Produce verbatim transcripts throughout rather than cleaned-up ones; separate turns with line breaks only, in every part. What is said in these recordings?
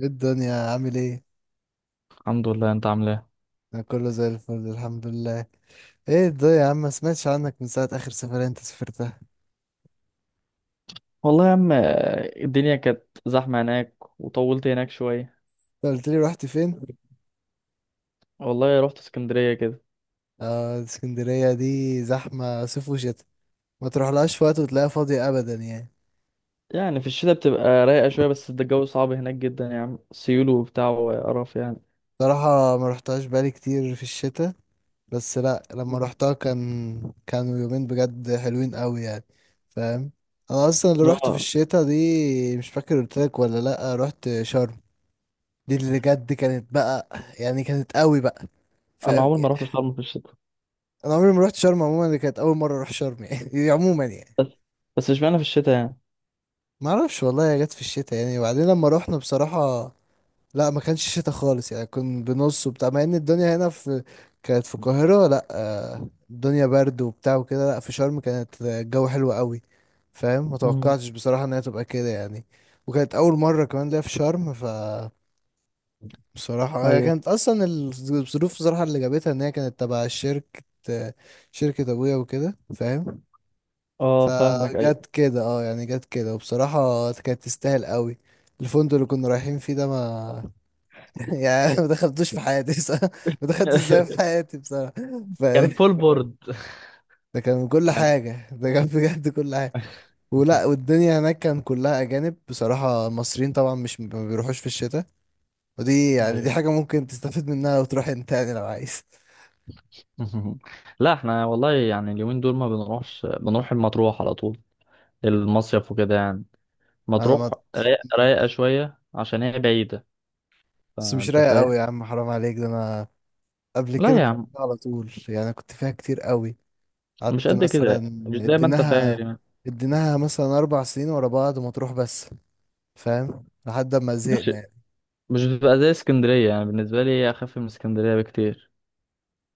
ايه الدنيا عامل ايه؟
الحمد لله. انت عامل ايه؟
انا كله زي الفل الحمد لله. ايه الدنيا يا عم ما سمعتش عنك من ساعة اخر سفرية انت سافرتها.
والله يا عم، آه، الدنيا كانت زحمه هناك، وطولت هناك شويه.
انت قلت لي رحت فين؟
والله رحت اسكندريه كده.
اه، اسكندرية دي زحمة صيف وشتاء. ما تروحلهاش في وقت وتلاقيها فاضية ابدا يعني.
يعني في الشتاء بتبقى رايقه شويه، بس ده الجو صعب هناك جدا يا عم، سيول وبتاع وقرف يعني.
صراحة ما رحتهاش بقالي كتير في الشتاء، بس لا، لما
مم.
رحتها كان كانوا يومين بجد حلوين قوي يعني. فاهم. انا اصلا اللي روحت في
اه،
الشتاء دي مش فاكر قلت لك ولا لا، رحت شرم. دي اللي بجد كانت بقى، يعني كانت قوي بقى. ف
انا عمري ما رحت شرم في الشتاء.
انا عمري ما رحت شرم عموما، دي كانت اول مره اروح شرم يعني عموما يعني.
بس بس مش معنى في الشتاء يعني.
ما اعرفش والله، هي جت في الشتاء يعني، وبعدين لما رحنا بصراحه لا، ما كانش شتاء خالص يعني، كان بنص وبتاع، مع ان الدنيا هنا في كانت في القاهره لا آه، الدنيا برد وبتاع وكده، لا في شرم كانت الجو حلو قوي. فاهم. ما
امم
توقعتش بصراحه ان هي تبقى كده يعني. وكانت اول مره كمان ليا في شرم. ف بصراحة هي
ايوه.
كانت أصلا الظروف بصراحة اللي جابتها إن هي كانت تبع شركة، شركة أبويا وكده فاهم.
اه، فاهمك ايوه.
فجت كده اه، يعني جت كده، وبصراحة كانت تستاهل قوي. الفندق اللي كنا رايحين فيه ده ما يعني ما دخلتوش في حياتي بصراحة، ما دخلتش ازاي في حياتي بصراحة. ف...
كان فول بورد.
ده كان كل
كان.
حاجة، ده كان بجد كل حاجة. ولا، والدنيا هناك كان كلها أجانب بصراحة، المصريين طبعا مش ما بيروحوش في الشتاء. ودي يعني دي
ايوه.
حاجة ممكن تستفيد منها لو تروح انت يعني، لو عايز.
لا احنا والله يعني اليومين دول ما بنروحش، بنروح المطروح على طول، المصيف وكده يعني.
أنا ما
مطروح رايق- رايقة شوية، عشان هي بعيدة.
بس مش
فأنت
رايق
فاهم.
قوي يا عم، حرام عليك، ده أنا قبل
لا
كده
يا
كنت
عم،
على طول، يعني كنت فيها كتير قوي.
مش
قعدت
قد
مثلا.
كده، مش زي ما أنت فاهم
اديناها
يعني.
اديناها مثلا اربع سنين ورا بعض مطروح بس. فاهم، لحد ما
ماشي.
زهقنا يعني.
مش بتبقى زي اسكندرية يعني، بالنسبة لي هي أخف من اسكندرية بكتير.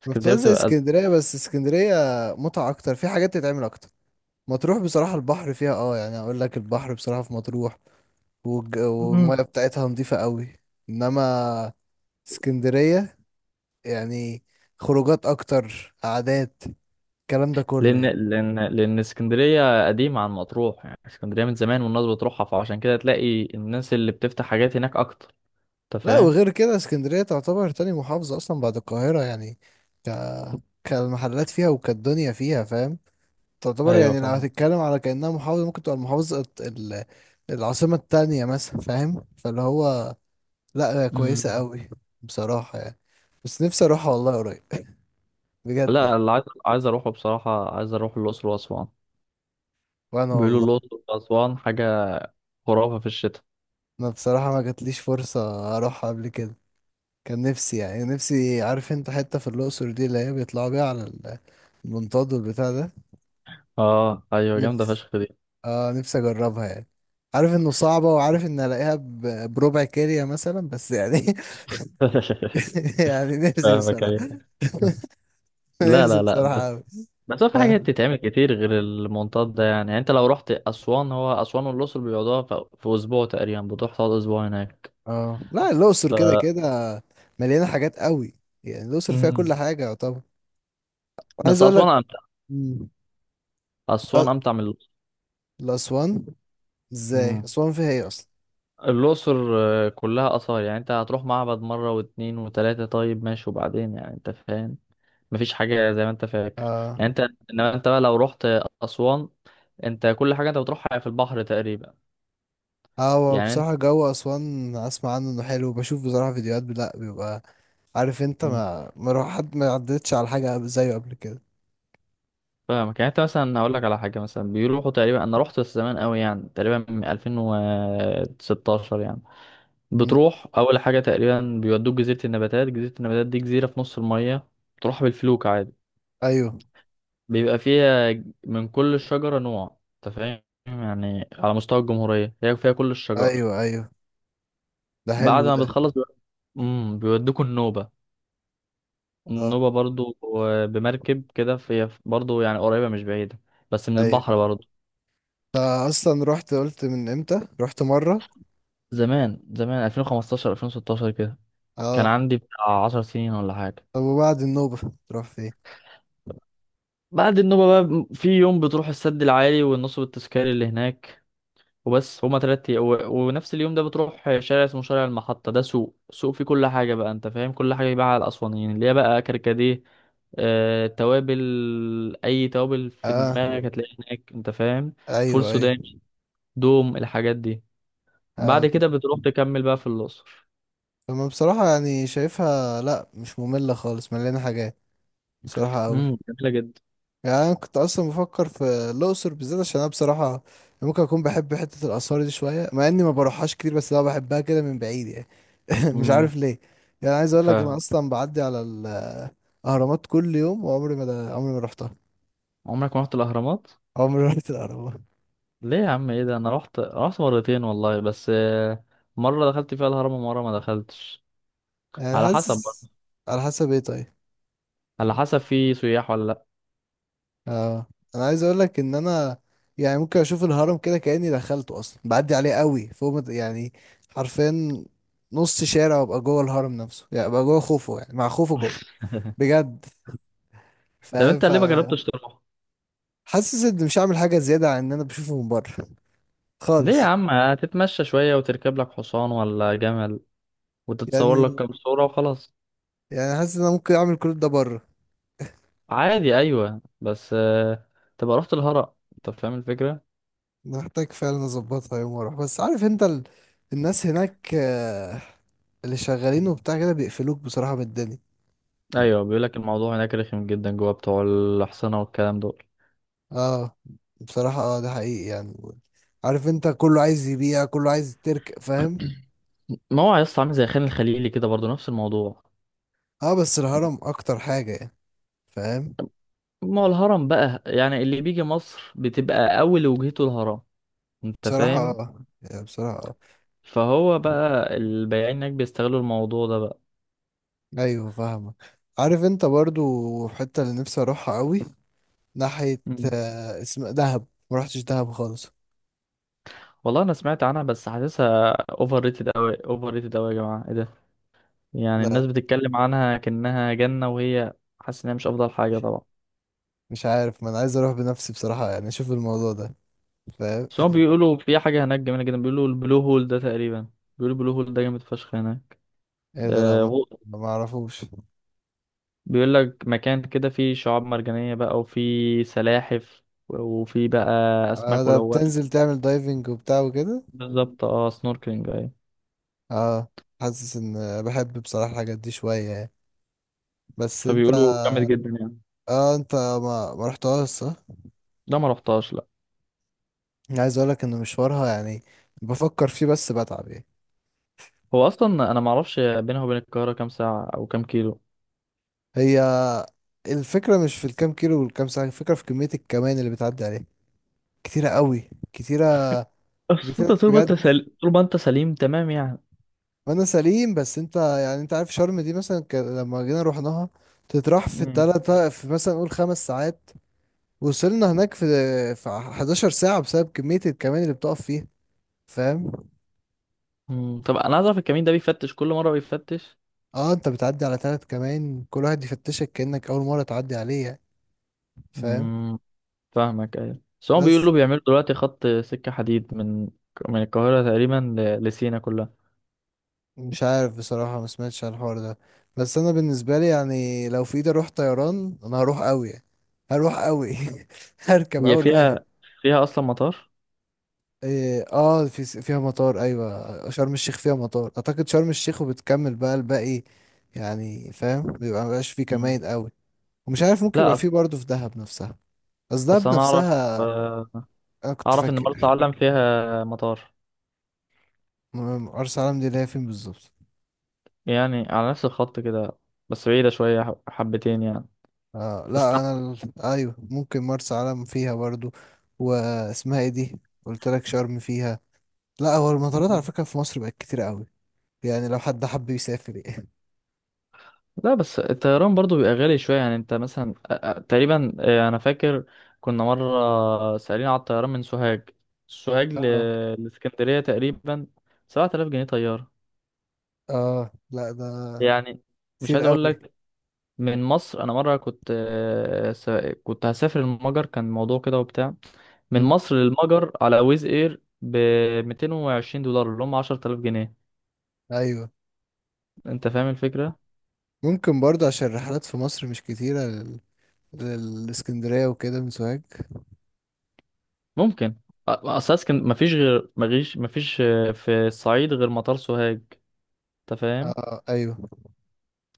اسكندرية
بتبقى زي
بتبقى أزرق.
اسكندريه، بس اسكندريه متعه اكتر، في حاجات تتعمل اكتر. مطروح بصراحه البحر فيها اه، يعني اقول لك البحر بصراحه في مطروح والج-
مم.
والميه بتاعتها نظيفه قوي. انما اسكندريه يعني خروجات اكتر، قعدات، الكلام ده كله
لأن
يعني.
لأن لأن اسكندرية قديمة عن مطروح، يعني اسكندرية من زمان والناس بتروحها، فعشان كده تلاقي الناس اللي بتفتح حاجات هناك أكتر. أنت
لا،
فاهم؟
وغير كده اسكندرية تعتبر تاني محافظة أصلا بعد القاهرة يعني. ك... كالمحلات فيها وكالدنيا فيها فاهم. تعتبر
أيوه،
يعني لو
فاهم.
هتتكلم على كأنها محافظة ممكن تبقى المحافظة الت- ال... العاصمة التانية مثلا، فاهم، فاللي هو لا، هي كويسة
مم.
قوي بصراحة يعني. بس نفسي أروحها والله قريب بجد
لا،
يعني.
اللي عايز عايز أروحه بصراحة، عايز أروح الأقصر وأسوان.
وأنا
بيقولوا
والله.
الأقصر وأسوان حاجة خرافة في الشتاء.
أنا بصراحة ما جاتليش فرصة أروحها قبل كده. كان نفسي يعني، نفسي، عارف انت حتة في الأقصر دي اللي هي بيطلعوا بيها على ال- المنطاد والبتاع ده.
اه ايوه، جامده فشخ دي.
اه، نفسي اجربها يعني. عارف انه صعبة، وعارف ان الاقيها ب- بربع كارية مثلا بس يعني يعني نفسي
فاهمك
بصراحة
ايوه. لا،
نفسي
لا، لا. بس
بصراحة قوي.
بس هو في حاجات تتعمل كتير غير المنطاد ده، يعني يعني انت لو رحت اسوان، هو اسوان والاقصر بيقعدوها في في اسبوع تقريبا، بتروح تقعد اسبوع هناك
اه لا، الاقصر
ف...
كده كده مليانة حاجات قوي. يعني الاقصر فيها كل
مم.
حاجة يعتبر. عايز
بس
اقول
اسوان
لك.
امتع.
مم. أ-
اسوان امتع من الاقصر.
الاسوان، ازاي
مم.
اسوان فيها ايه اصلا؟
الاقصر آه، كلها اثار، يعني انت هتروح معبد مره واتنين وتلاته، طيب ماشي، وبعدين يعني انت فاهم. مفيش حاجه زي ما انت فاكر،
اه.
يعني انت. انما انت بقى لو رحت اسوان، انت كل حاجه انت بتروحها في البحر تقريبا،
اه هو
يعني انت.
بصراحة جو أسوان أسمع عنه إنه حلو، بشوف بصراحة فيديوهات، لأ بيبقى. عارف أنت،
مم.
ما ما روح حد ما عدتش على حاجة زيه قبل كده.
فاهمك، يعني انت مثلا هقول لك على حاجه، مثلا بيروحوا تقريبا، انا رحت بس زمان قوي يعني، تقريبا من ألفين وستاشر يعني. بتروح اول حاجه تقريبا بيودوك جزيره النباتات. جزيره النباتات دي جزيره في نص الميه، تروح بالفلوك عادي.
ايوه
بيبقى فيها من كل شجره نوع. انت فاهم، يعني على مستوى الجمهوريه هي فيها كل الشجر.
ايوه. ايوه ده
بعد
حلو
ما
ده.
بتخلص بي- امم بيودوكوا النوبه.
اه
النوبه برضو آه، بمركب كده، في برضو يعني قريبه مش بعيده، بس من البحر
ايوه.
برضو.
أنا اصلا رحت، قلت من امتى رحت مره.
زمان زمان، ألفين وخمستاشر ألفين وستاشر كده، كان
اه،
عندي بتاع عشر سنين ولا حاجة.
طب وبعد النوبه تروح فين؟
بعد النوبة بقى في يوم بتروح السد العالي والنصب التذكاري اللي هناك، وبس. هما تلات أيام و... ونفس اليوم ده بتروح شارع اسمه شارع المحطة. ده سوق، سوق فيه كل حاجة بقى، أنت فاهم، كل حاجة يباع على الأسوانيين، اللي هي بقى كركديه، آه... توابل. أي توابل في
اه،
دماغك هتلاقيها هناك، أنت فاهم. فول
ايوه، ايوه.
سوداني، دوم، الحاجات دي.
آه.
بعد
طب.
كده بتروح تكمل بقى في الأقصر.
طب أنا بصراحه يعني شايفها لا مش ممله خالص، مليانه حاجات بصراحه قوي.
امم جميلة جدا.
يعني انا كنت اصلا بفكر في الاقصر بالذات، عشان انا بصراحه ممكن اكون بحب حته الاثار دي شويه، مع اني ما بروحهاش كتير، بس انا بحبها كده من بعيد يعني مش
امم
عارف ليه. يعني عايز اقول لك انا اصلا بعدي على الاهرامات كل يوم، وعمري ما، ده عمري ما رحتها.
عمرك ما رحت الاهرامات؟
عمري ما رحت الاهرامات.
ليه يا عم؟ ايه ده؟ انا رحت رحت مرتين والله، بس آه، مره دخلت فيها الهرم ومره ما دخلتش.
يعني
على حسب بقى،
حاسس. على حسب ايه طيب؟
على حسب في سياح ولا لا.
اه. انا عايز اقول لك ان انا يعني ممكن اشوف الهرم كده كاني دخلته، اصلا بعدي عليه قوي فوق ما ت- يعني حرفيا نص شارع، وابقى جوه الهرم نفسه يعني، ابقى جوه خوفو يعني، مع خوفو جوه بجد
طب
فاهم.
انت
ف
ليه ما جربتش تروح؟
حاسس اني مش هعمل حاجه زياده عن ان انا بشوفه من بره
ليه يا
خالص
عم؟ هتتمشى شويه، وتركب لك حصان ولا جمل، وتتصور لك
يعني.
كام صوره وخلاص.
يعني حاسس ان انا ممكن اعمل كل ده بره.
عادي ايوه، بس آه، تبقى رحت الهرم. انت فاهم الفكره.
محتاج فعلا اظبطها يوم واروح، بس عارف انت ال... الناس هناك آه، اللي شغالين
مم.
وبتاع كده بيقفلوك بصراحه من الدنيا.
ايوه، بيقول لك الموضوع هناك رخم جدا، جوه بتوع الاحصنه والكلام دول.
اه بصراحه، اه ده حقيقي يعني. عارف انت كله عايز يبيع، كله عايز ترك فاهم.
ما هو يا اسطى عامل زي خان الخليلي كده برضه، نفس الموضوع.
اه بس الهرم اكتر حاجه يعني، فاهم.
ما هو الهرم بقى، يعني اللي بيجي مصر بتبقى اول وجهته الهرم. انت
بصراحه
فاهم.
اه، يعني بصراحه آه.
فهو بقى البياعين هناك بيستغلوا الموضوع ده بقى.
ايوه فاهمك. عارف انت برضو الحته اللي نفسي اروحها قوي ناحيه
مم.
آه، اسم دهب، ما رحتش دهب خالص.
والله انا سمعت عنها، بس حاسسها اوفر ريتد اوي، اوفر ريتد اوي يا جماعه، ايه ده؟ يعني
لا
الناس بتتكلم عنها كأنها جنه، وهي حاسس انها مش افضل حاجه طبعا.
مش عارف، ما انا عايز اروح بنفسي بصراحه يعني، اشوف الموضوع ده فاهم.
بس هم بيقولوا في حاجه هناك جميله جدا، بيقولوا البلو هول ده تقريبا، بيقولوا البلو هول ده جامد فشخ هناك.
ايه ده؟ لا
آه،
ما ما اعرفوش.
بيقول لك مكان كده فيه شعاب مرجانية بقى، وفيه سلاحف، وفيه بقى
آه
أسماك
ده
ملونة.
بتنزل تعمل دايفنج وبتاع وكده.
بالظبط، اه، سنوركلينج، أيوة.
اه حاسس ان بحب بصراحه الحاجات دي شويه يعني. بس انت،
فبيقولوا جامد جدا يعني.
اه انت ما ما رحتهاش صح؟
ده ما رحتهاش لا.
أنا عايز اقولك ان مشوارها يعني بفكر فيه بس بتعب يعني.
هو أصلا أنا ما أعرفش بينها وبين القاهرة كام ساعة أو كام كيلو.
هي الفكرة مش في الكام كيلو والكام ساعة، الفكرة في كمية الكمان اللي بتعدي عليه، كتيرة قوي، كتيرة،
بس
كتيرة
أنت طول ما أنت
بجد.
سليم، طول ما أنت سليم تمام يعني.
وانا سليم، بس انت يعني انت عارف شرم دي مثلا ك... لما جينا رحناها تتراح في
مم.
التلاتة في مثلا نقول خمس ساعات، وصلنا هناك في في 11 ساعة بسبب كمية الكمان اللي بتقف فيها فاهم.
مم. طب أنا عايز أعرف الكمين ده بيفتش كل مرة بيفتش؟
اه انت بتعدي على تلات كمان، كل واحد يفتشك كأنك أول مرة تعدي عليه يعني فاهم.
مم. فاهمك أيوة. بس هم
بس
بيقولوا بيعملوا دلوقتي خط سكة حديد من من القاهرة تقريبا، ل- لسينا كلها.
مش عارف بصراحة، ما سمعتش عن الحوار ده، بس انا بالنسبة لي يعني لو في ايدي اروح طيران انا هروح قوي يعني. هروح قوي هركب
هي
اول واحد.
فيها فيها أصلا مطار.
إيه، اه في س- فيها مطار، ايوه شرم الشيخ فيها مطار اعتقد، شرم الشيخ وبتكمل بقى الباقي يعني فاهم، بيبقى مبقاش فيه
مم.
كمائن قوي. ومش عارف ممكن
لا
يبقى
أص-
فيه برضه في دهب نفسها. بس
اصل
دهب
انا اعرف
نفسها
آه،
انا كنت
اعرف ان مرسى
فاكر.
علم فيها مطار،
م- مرسى علم دي اللي هي فين بالظبط؟
يعني على نفس الخط كده، بس بعيدة شوية ح- حبتين يعني.
آه
بس
لا
تحت.
انا ال- ايوه ممكن مرسى علم فيها برضو. واسمها ايه دي؟ قلت لك شرم فيها. لا، هو المطارات على
مم.
فكره في مصر بقت كتير قوي، يعني لو حد حب يسافر يعني.
لا، بس الطيران برضو بيبقى غالي شوية يعني. انت مثلا، آه، آه، تقريبا آه، انا فاكر كنا مرة سألين على الطيران من سوهاج سوهاج،
اه
ل- لاسكندرية تقريبا، سبعة آلاف جنيه طيارة
اه لا ده
يعني. مش
كتير
عايز اقول
قوي.
لك، من مصر انا مرة كنت آه، س- كنت هسافر المجر، كان موضوع كده وبتاع، من
مم.
مصر للمجر على ويز اير ب ميتين وعشرين دولار اللي هم عشرة آلاف جنيه.
ايوه
انت فاهم الفكرة.
ممكن برضو عشان الرحلات في مصر مش كتيره لل... للاسكندريه وكده من سوهاج.
ممكن أ- اصل اسكن مفيش غير مفيش مفيش آه، في الصعيد غير مطار سوهاج. انت فاهم.
اه ايوه.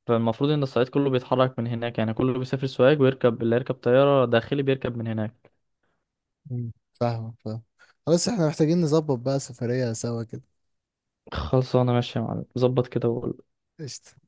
فالمفروض ان الصعيد كله بيتحرك من هناك، يعني كله بيسافر سوهاج، ويركب اللي يركب طيارة داخلي بيركب من هناك.
مم. فاهمك، فاهم. خلاص احنا محتاجين نظبط بقى سفريه سوا كده.
خلاص انا ماشي يا معلم، ظبط كده وقول.
قشطة.